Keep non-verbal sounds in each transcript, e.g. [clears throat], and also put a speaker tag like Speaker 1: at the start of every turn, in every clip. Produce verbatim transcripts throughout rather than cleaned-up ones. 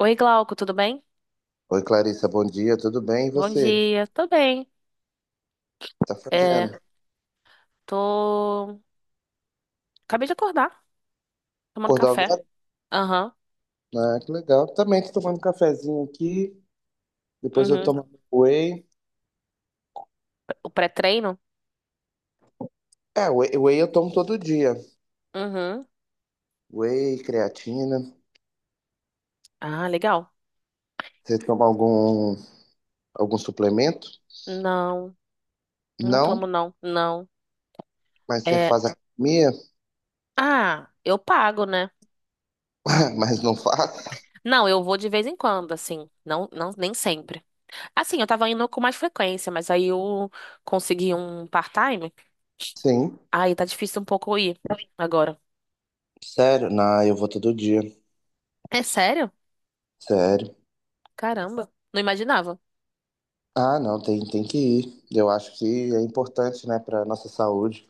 Speaker 1: Oi, Glauco, tudo bem?
Speaker 2: Oi, Clarissa, bom dia, tudo bem? E
Speaker 1: Bom
Speaker 2: você?
Speaker 1: dia, tô bem.
Speaker 2: Tá
Speaker 1: É,
Speaker 2: fazendo?
Speaker 1: tô. Acabei de acordar, tomando
Speaker 2: Acordou
Speaker 1: café.
Speaker 2: agora?
Speaker 1: Aham,
Speaker 2: Ah, que legal. Também tô tomando um cafezinho aqui, depois eu
Speaker 1: uhum.
Speaker 2: tomo whey.
Speaker 1: O pré-treino?
Speaker 2: É, whey, whey eu tomo todo dia.
Speaker 1: Uhum.
Speaker 2: Whey, creatina.
Speaker 1: Ah, legal.
Speaker 2: Você toma algum, algum suplemento?
Speaker 1: Não, não
Speaker 2: Não,
Speaker 1: tomo, não, não.
Speaker 2: mas você
Speaker 1: É.
Speaker 2: faz academia?
Speaker 1: Ah, eu pago, né?
Speaker 2: [laughs] Mas não faço.
Speaker 1: Não, eu vou de vez em quando, assim. Não, não, nem sempre. Assim, eu tava indo com mais frequência, mas aí eu consegui um part-time.
Speaker 2: Sim,
Speaker 1: Aí tá difícil um pouco ir agora.
Speaker 2: sério? Não, eu vou todo dia,
Speaker 1: É sério?
Speaker 2: sério.
Speaker 1: Caramba, não imaginava.
Speaker 2: Ah, não, tem, tem que ir. Eu acho que é importante, né, para nossa saúde,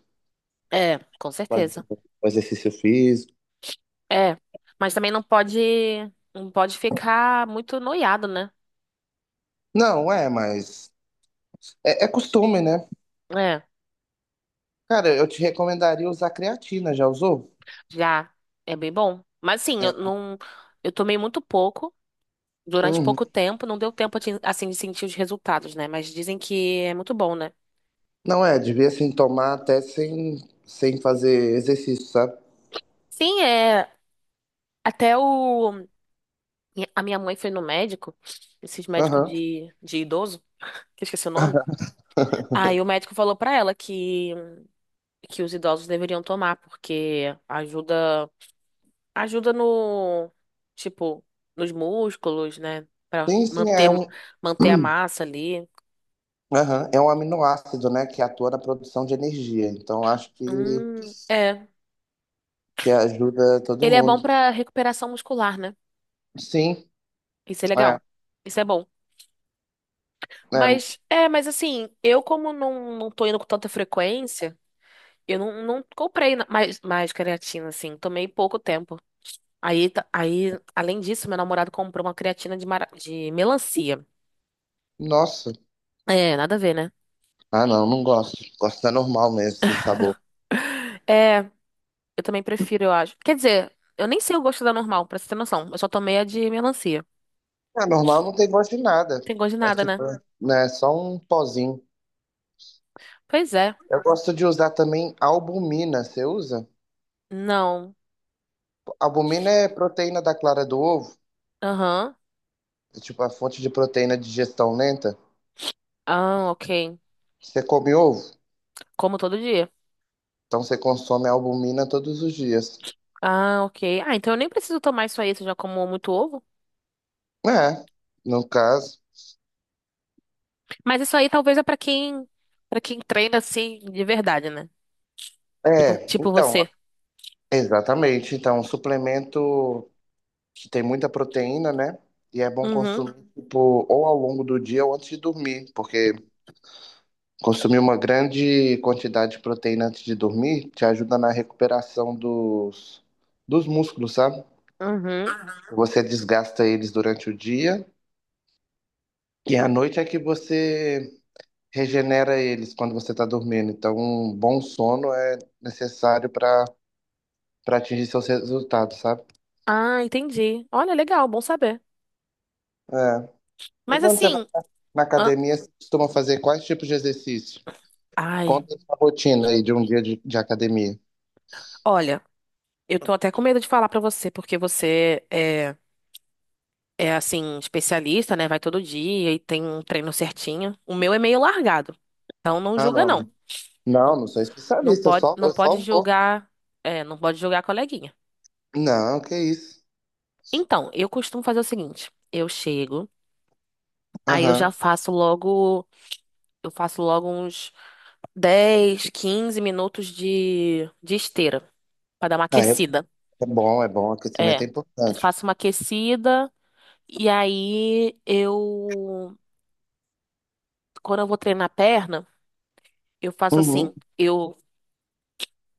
Speaker 1: É, com
Speaker 2: fazer
Speaker 1: certeza.
Speaker 2: um exercício físico.
Speaker 1: É, mas também não pode, não pode ficar muito noiado, né?
Speaker 2: Não, é, mas É, é costume, né?
Speaker 1: É,
Speaker 2: Cara, eu te recomendaria usar creatina, já usou?
Speaker 1: já é bem bom. Mas sim, eu
Speaker 2: É.
Speaker 1: não, eu tomei muito pouco, durante
Speaker 2: Uhum.
Speaker 1: pouco tempo, não deu tempo de, assim, de sentir os resultados, né? Mas dizem que é muito bom, né?
Speaker 2: Não é, devia assim tomar até sem, sem fazer exercício, sabe?
Speaker 1: Sim, é, até o a minha mãe foi no médico, esses médicos
Speaker 2: Aham.
Speaker 1: de de idoso, que eu esqueci o nome.
Speaker 2: [laughs]
Speaker 1: Aí o médico falou pra ela que que os idosos deveriam tomar porque ajuda Ajuda no, tipo, nos músculos, né? Pra
Speaker 2: Sim, sim, é
Speaker 1: manter,
Speaker 2: um.
Speaker 1: manter a
Speaker 2: [clears throat]
Speaker 1: massa ali.
Speaker 2: Aham, é um aminoácido, né, que atua na produção de energia. Então, acho que,
Speaker 1: Hum, é.
Speaker 2: que ajuda todo
Speaker 1: Ele é bom
Speaker 2: mundo.
Speaker 1: pra recuperação muscular, né?
Speaker 2: Sim,
Speaker 1: Isso é
Speaker 2: é,
Speaker 1: legal. Isso é bom.
Speaker 2: é.
Speaker 1: Mas, é, mas assim, eu como não, não tô indo com tanta frequência, eu não, não comprei na- mais, mais creatina, assim. Tomei pouco tempo. Aí, tá- aí, além disso, meu namorado comprou uma creatina de, mara- de melancia.
Speaker 2: Nossa.
Speaker 1: É, nada a ver, né?
Speaker 2: Ah, não, não gosto. Gosto da normal mesmo, sem sabor.
Speaker 1: é Eu também prefiro, eu acho. Quer dizer, eu nem sei o gosto da normal, pra você ter noção. Eu só tomei a de melancia.
Speaker 2: A normal não tem gosto de nada.
Speaker 1: Tem gosto de
Speaker 2: É
Speaker 1: nada, né?
Speaker 2: tipo, né, só um pozinho.
Speaker 1: Pois é.
Speaker 2: Eu gosto de usar também albumina. Você usa?
Speaker 1: Não.
Speaker 2: Albumina é proteína da clara do ovo,
Speaker 1: Aham.
Speaker 2: é tipo a fonte de proteína de digestão lenta.
Speaker 1: Ah, ok.
Speaker 2: Você come ovo,
Speaker 1: Como todo dia.
Speaker 2: então você consome albumina todos os dias.
Speaker 1: Ah, ok. Ah, então eu nem preciso tomar isso aí, se eu já como muito ovo.
Speaker 2: É, no caso.
Speaker 1: Mas isso aí talvez é pra quem, para quem treina assim de verdade, né? Tipo,
Speaker 2: É,
Speaker 1: tipo
Speaker 2: então,
Speaker 1: você.
Speaker 2: exatamente. Então, um suplemento que tem muita proteína, né? E é bom
Speaker 1: Uhum.
Speaker 2: consumir, tipo, ou ao longo do dia ou antes de dormir, porque consumir uma grande quantidade de proteína antes de dormir te ajuda na recuperação dos, dos músculos, sabe?
Speaker 1: Uhum.
Speaker 2: Você desgasta eles durante o dia e à noite é que você regenera eles quando você está dormindo. Então, um bom sono é necessário para para atingir seus resultados, sabe?
Speaker 1: Ah, entendi. Olha, legal, bom saber.
Speaker 2: É. E
Speaker 1: Mas
Speaker 2: quando você vai
Speaker 1: assim,
Speaker 2: na
Speaker 1: hã?
Speaker 2: academia, você costuma fazer quais tipos de exercício?
Speaker 1: Ai,
Speaker 2: Conta a sua rotina aí de um dia de, de academia.
Speaker 1: olha, eu tô até com medo de falar pra você, porque você é é assim, especialista, né? Vai todo dia e tem um treino certinho. O meu é meio largado. Então não
Speaker 2: Ah,
Speaker 1: julga,
Speaker 2: não.
Speaker 1: não.
Speaker 2: Não,
Speaker 1: Não,
Speaker 2: não sou
Speaker 1: não
Speaker 2: especialista, eu
Speaker 1: pode,
Speaker 2: só,
Speaker 1: não
Speaker 2: eu só
Speaker 1: pode
Speaker 2: vou.
Speaker 1: julgar, é, não pode julgar a coleguinha.
Speaker 2: Não, que isso.
Speaker 1: Então, eu costumo fazer o seguinte: eu chego, aí eu já
Speaker 2: Aham.
Speaker 1: faço logo, eu faço logo uns dez, quinze minutos de, de esteira pra dar uma
Speaker 2: Ah, é, é
Speaker 1: aquecida.
Speaker 2: bom, é bom.
Speaker 1: É.
Speaker 2: Aquecimento é
Speaker 1: Eu
Speaker 2: importante.
Speaker 1: faço uma aquecida e aí eu, quando eu vou treinar a perna, eu faço
Speaker 2: Uhum.
Speaker 1: assim. Eu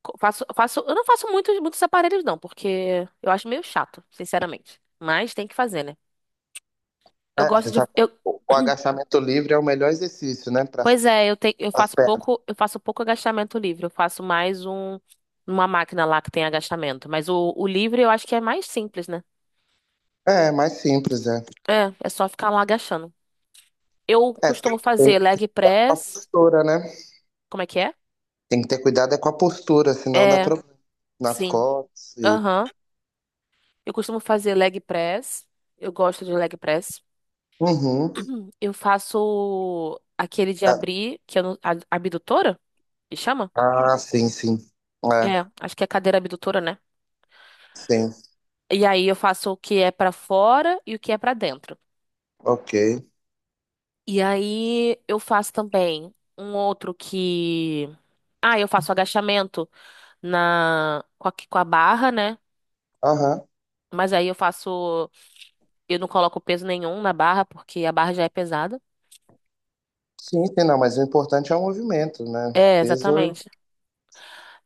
Speaker 1: Co- Faço, faço, eu não faço muitos, muitos aparelhos, não, porque eu acho meio chato, sinceramente. Mas tem que fazer, né? Eu
Speaker 2: É, você
Speaker 1: gosto de.
Speaker 2: sabe,
Speaker 1: Eu,
Speaker 2: o, o
Speaker 1: [clears throat]
Speaker 2: agachamento livre é o melhor exercício, né? Para
Speaker 1: pois
Speaker 2: as
Speaker 1: é, eu, tenho, eu faço
Speaker 2: pernas.
Speaker 1: pouco, eu faço pouco agachamento livre. Eu faço mais um, uma máquina lá que tem agachamento. Mas o, o livre eu acho que é mais simples, né?
Speaker 2: É, mais simples, é.
Speaker 1: É, é só ficar lá agachando. Eu
Speaker 2: É,
Speaker 1: costumo
Speaker 2: tem que ter
Speaker 1: fazer leg
Speaker 2: cuidado com a
Speaker 1: press.
Speaker 2: postura, né?
Speaker 1: Como é que é?
Speaker 2: Tem que ter cuidado é com a postura, senão dá
Speaker 1: É,
Speaker 2: problema nas
Speaker 1: sim.
Speaker 2: costas. e-
Speaker 1: Aham. Eu costumo fazer leg press. Eu gosto de leg press.
Speaker 2: Uhum.
Speaker 1: Eu faço aquele de
Speaker 2: Ah,
Speaker 1: abrir, que eu não, a- abdutora, que chama?
Speaker 2: ah, sim, sim.
Speaker 1: É,
Speaker 2: É,
Speaker 1: acho que é cadeira abdutora, né?
Speaker 2: sim.
Speaker 1: E aí eu faço o que é pra fora e o que é pra dentro.
Speaker 2: Ok.
Speaker 1: E aí eu faço também um outro que, ah, eu faço agachamento na com a, com a barra, né?
Speaker 2: Aham.
Speaker 1: Mas aí eu faço, eu não coloco peso nenhum na barra porque a barra já é pesada.
Speaker 2: Sim, sim, não, mas o importante é o movimento, né?
Speaker 1: É,
Speaker 2: Peso.
Speaker 1: exatamente.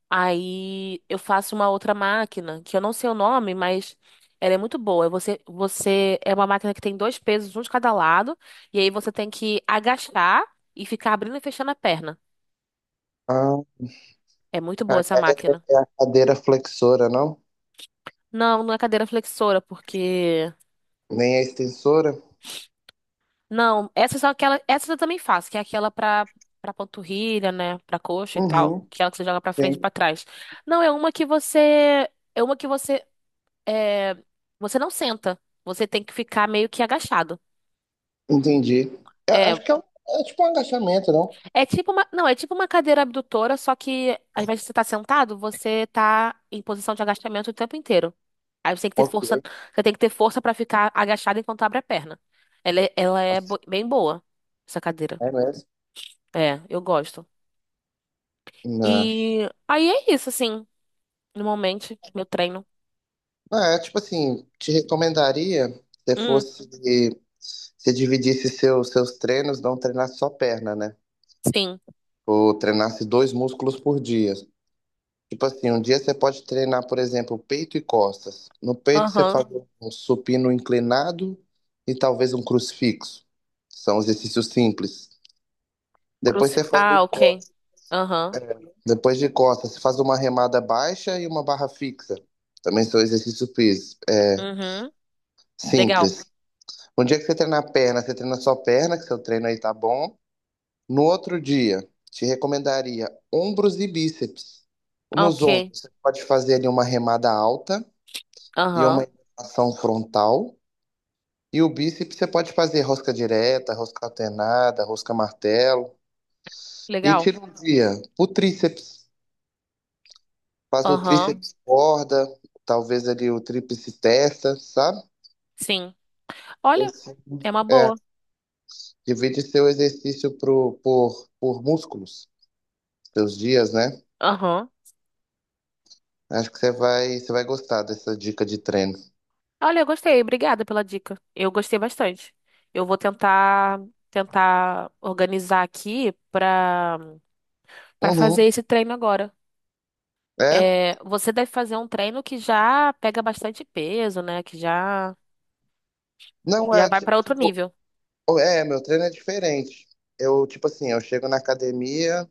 Speaker 1: Aí eu faço uma outra máquina, que eu não sei o nome, mas ela é muito boa. É Você, você é uma máquina que tem dois pesos, um de cada lado, e aí você tem que agachar e ficar abrindo e fechando a perna.
Speaker 2: Ah,
Speaker 1: É muito boa essa máquina.
Speaker 2: é é a cadeira flexora, não?
Speaker 1: Não, não é cadeira flexora, porque
Speaker 2: Nem a extensora.
Speaker 1: não, essa são aquela, essa eu também faço, que é aquela pra para panturrilha, né, pra coxa e tal,
Speaker 2: Uhum,
Speaker 1: que é ela que você joga pra frente e
Speaker 2: sim,
Speaker 1: pra trás. Não, é uma que você é uma que você é, você não senta. Você tem que ficar meio que agachado.
Speaker 2: entendi. Eu
Speaker 1: É,
Speaker 2: acho que é, um- é tipo um agachamento, não?
Speaker 1: é tipo uma, não, é tipo uma cadeira abdutora, só que ao invés de você estar sentado, você tá em posição de agachamento o tempo inteiro. Aí você tem que ter
Speaker 2: Ok,
Speaker 1: força, você tem que ter força para ficar agachado enquanto abre a perna. Ela é, ela é bo- bem boa, essa cadeira.
Speaker 2: é mesmo.
Speaker 1: É, eu gosto.
Speaker 2: Não.
Speaker 1: E aí é isso, assim, normalmente, meu treino.
Speaker 2: Ah, é, tipo assim, te recomendaria se
Speaker 1: Hum,
Speaker 2: fosse se dividisse seus, seus treinos, não treinasse só perna, né?
Speaker 1: sim.
Speaker 2: Ou treinasse dois músculos por dia. Tipo assim, um dia você pode treinar, por exemplo, peito e costas. No peito você
Speaker 1: Aham.
Speaker 2: faz um supino inclinado e talvez um crucifixo. São exercícios simples. Depois
Speaker 1: Cruci...
Speaker 2: você faz um
Speaker 1: Ah, ok. Aham.
Speaker 2: Depois de costas, você faz uma remada baixa e uma barra fixa. Também são exercícios físicos, é,
Speaker 1: Uhum. Legal.
Speaker 2: simples. Um dia que você treina a perna, você treina só a perna, que seu treino aí tá bom. No outro dia, te recomendaria ombros e bíceps. Nos
Speaker 1: Ok.
Speaker 2: ombros, você pode fazer ali uma remada alta e
Speaker 1: Aham.
Speaker 2: uma ação frontal. E o bíceps, você pode fazer rosca direta, rosca alternada, rosca martelo. E
Speaker 1: Legal.
Speaker 2: tira um dia o tríceps. Faz o
Speaker 1: Aham.
Speaker 2: tríceps corda, talvez ali o tríceps testa, sabe?
Speaker 1: Sim.
Speaker 2: E
Speaker 1: Olha,
Speaker 2: assim,
Speaker 1: é uma
Speaker 2: é,
Speaker 1: boa.
Speaker 2: divide seu exercício pro, por, por músculos, seus dias, né?
Speaker 1: Aham.
Speaker 2: Acho que você vai, você vai gostar dessa dica de treino.
Speaker 1: Olha, eu gostei. Obrigada pela dica. Eu gostei bastante. Eu vou tentar tentar organizar aqui pra para fazer
Speaker 2: Uhum.
Speaker 1: esse treino agora.
Speaker 2: É?
Speaker 1: É, você deve fazer um treino que já pega bastante peso, né? Que já
Speaker 2: Não,
Speaker 1: já
Speaker 2: é,
Speaker 1: vai
Speaker 2: ti-
Speaker 1: pra outro
Speaker 2: tipo,
Speaker 1: nível.
Speaker 2: é, meu treino é diferente. Eu, tipo assim, eu chego na academia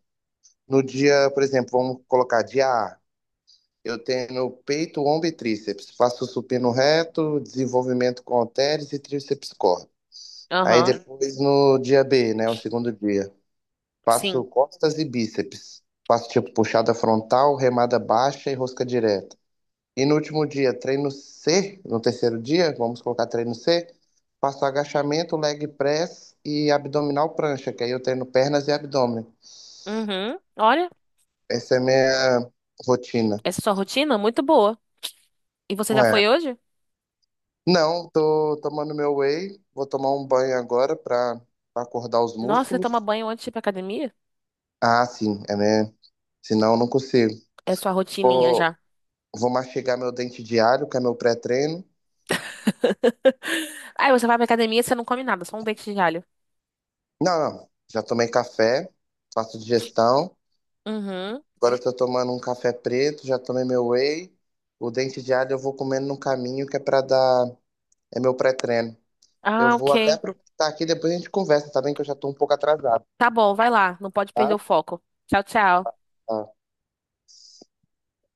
Speaker 2: no dia, por exemplo, vamos colocar dia A. Eu tenho peito, ombro e tríceps. Faço supino reto, desenvolvimento com halteres e tríceps corda. Aí
Speaker 1: Aham.
Speaker 2: depois no dia B, né? O segundo dia. Faço
Speaker 1: Sim.
Speaker 2: costas e bíceps. Faço tipo puxada frontal, remada baixa e rosca direta. E no último dia, treino C, no terceiro dia, vamos colocar treino C, faço agachamento, leg press e abdominal prancha, que aí eu treino pernas e abdômen.
Speaker 1: Uhum. Olha,
Speaker 2: Essa é a minha rotina.
Speaker 1: essa é sua rotina é muito boa. E você já
Speaker 2: É.
Speaker 1: foi hoje?
Speaker 2: Não, tô tomando meu whey, vou tomar um banho agora pra pra acordar os
Speaker 1: Nossa, você
Speaker 2: músculos.
Speaker 1: toma banho antes de ir pra academia?
Speaker 2: Ah, sim, é mesmo. Senão eu não consigo.
Speaker 1: É sua rotininha
Speaker 2: Vou,
Speaker 1: já.
Speaker 2: Vou mastigar meu dente diário, que é meu pré-treino.
Speaker 1: [laughs] Aí você vai pra academia e você não come nada, só um dente de alho.
Speaker 2: Não, não. Já tomei café, faço digestão.
Speaker 1: Uhum.
Speaker 2: Agora eu tô tomando um café preto, já tomei meu whey. O dente diário eu vou comendo no caminho, que é pra dar. É meu pré-treino. Eu
Speaker 1: Ah,
Speaker 2: vou Ah, até Ah,
Speaker 1: ok.
Speaker 2: aproveitar aqui, depois a gente conversa, tá bem? Que eu já tô um pouco atrasado,
Speaker 1: Tá bom, vai lá. Não pode perder
Speaker 2: tá?
Speaker 1: o foco. Tchau, tchau.
Speaker 2: Tá.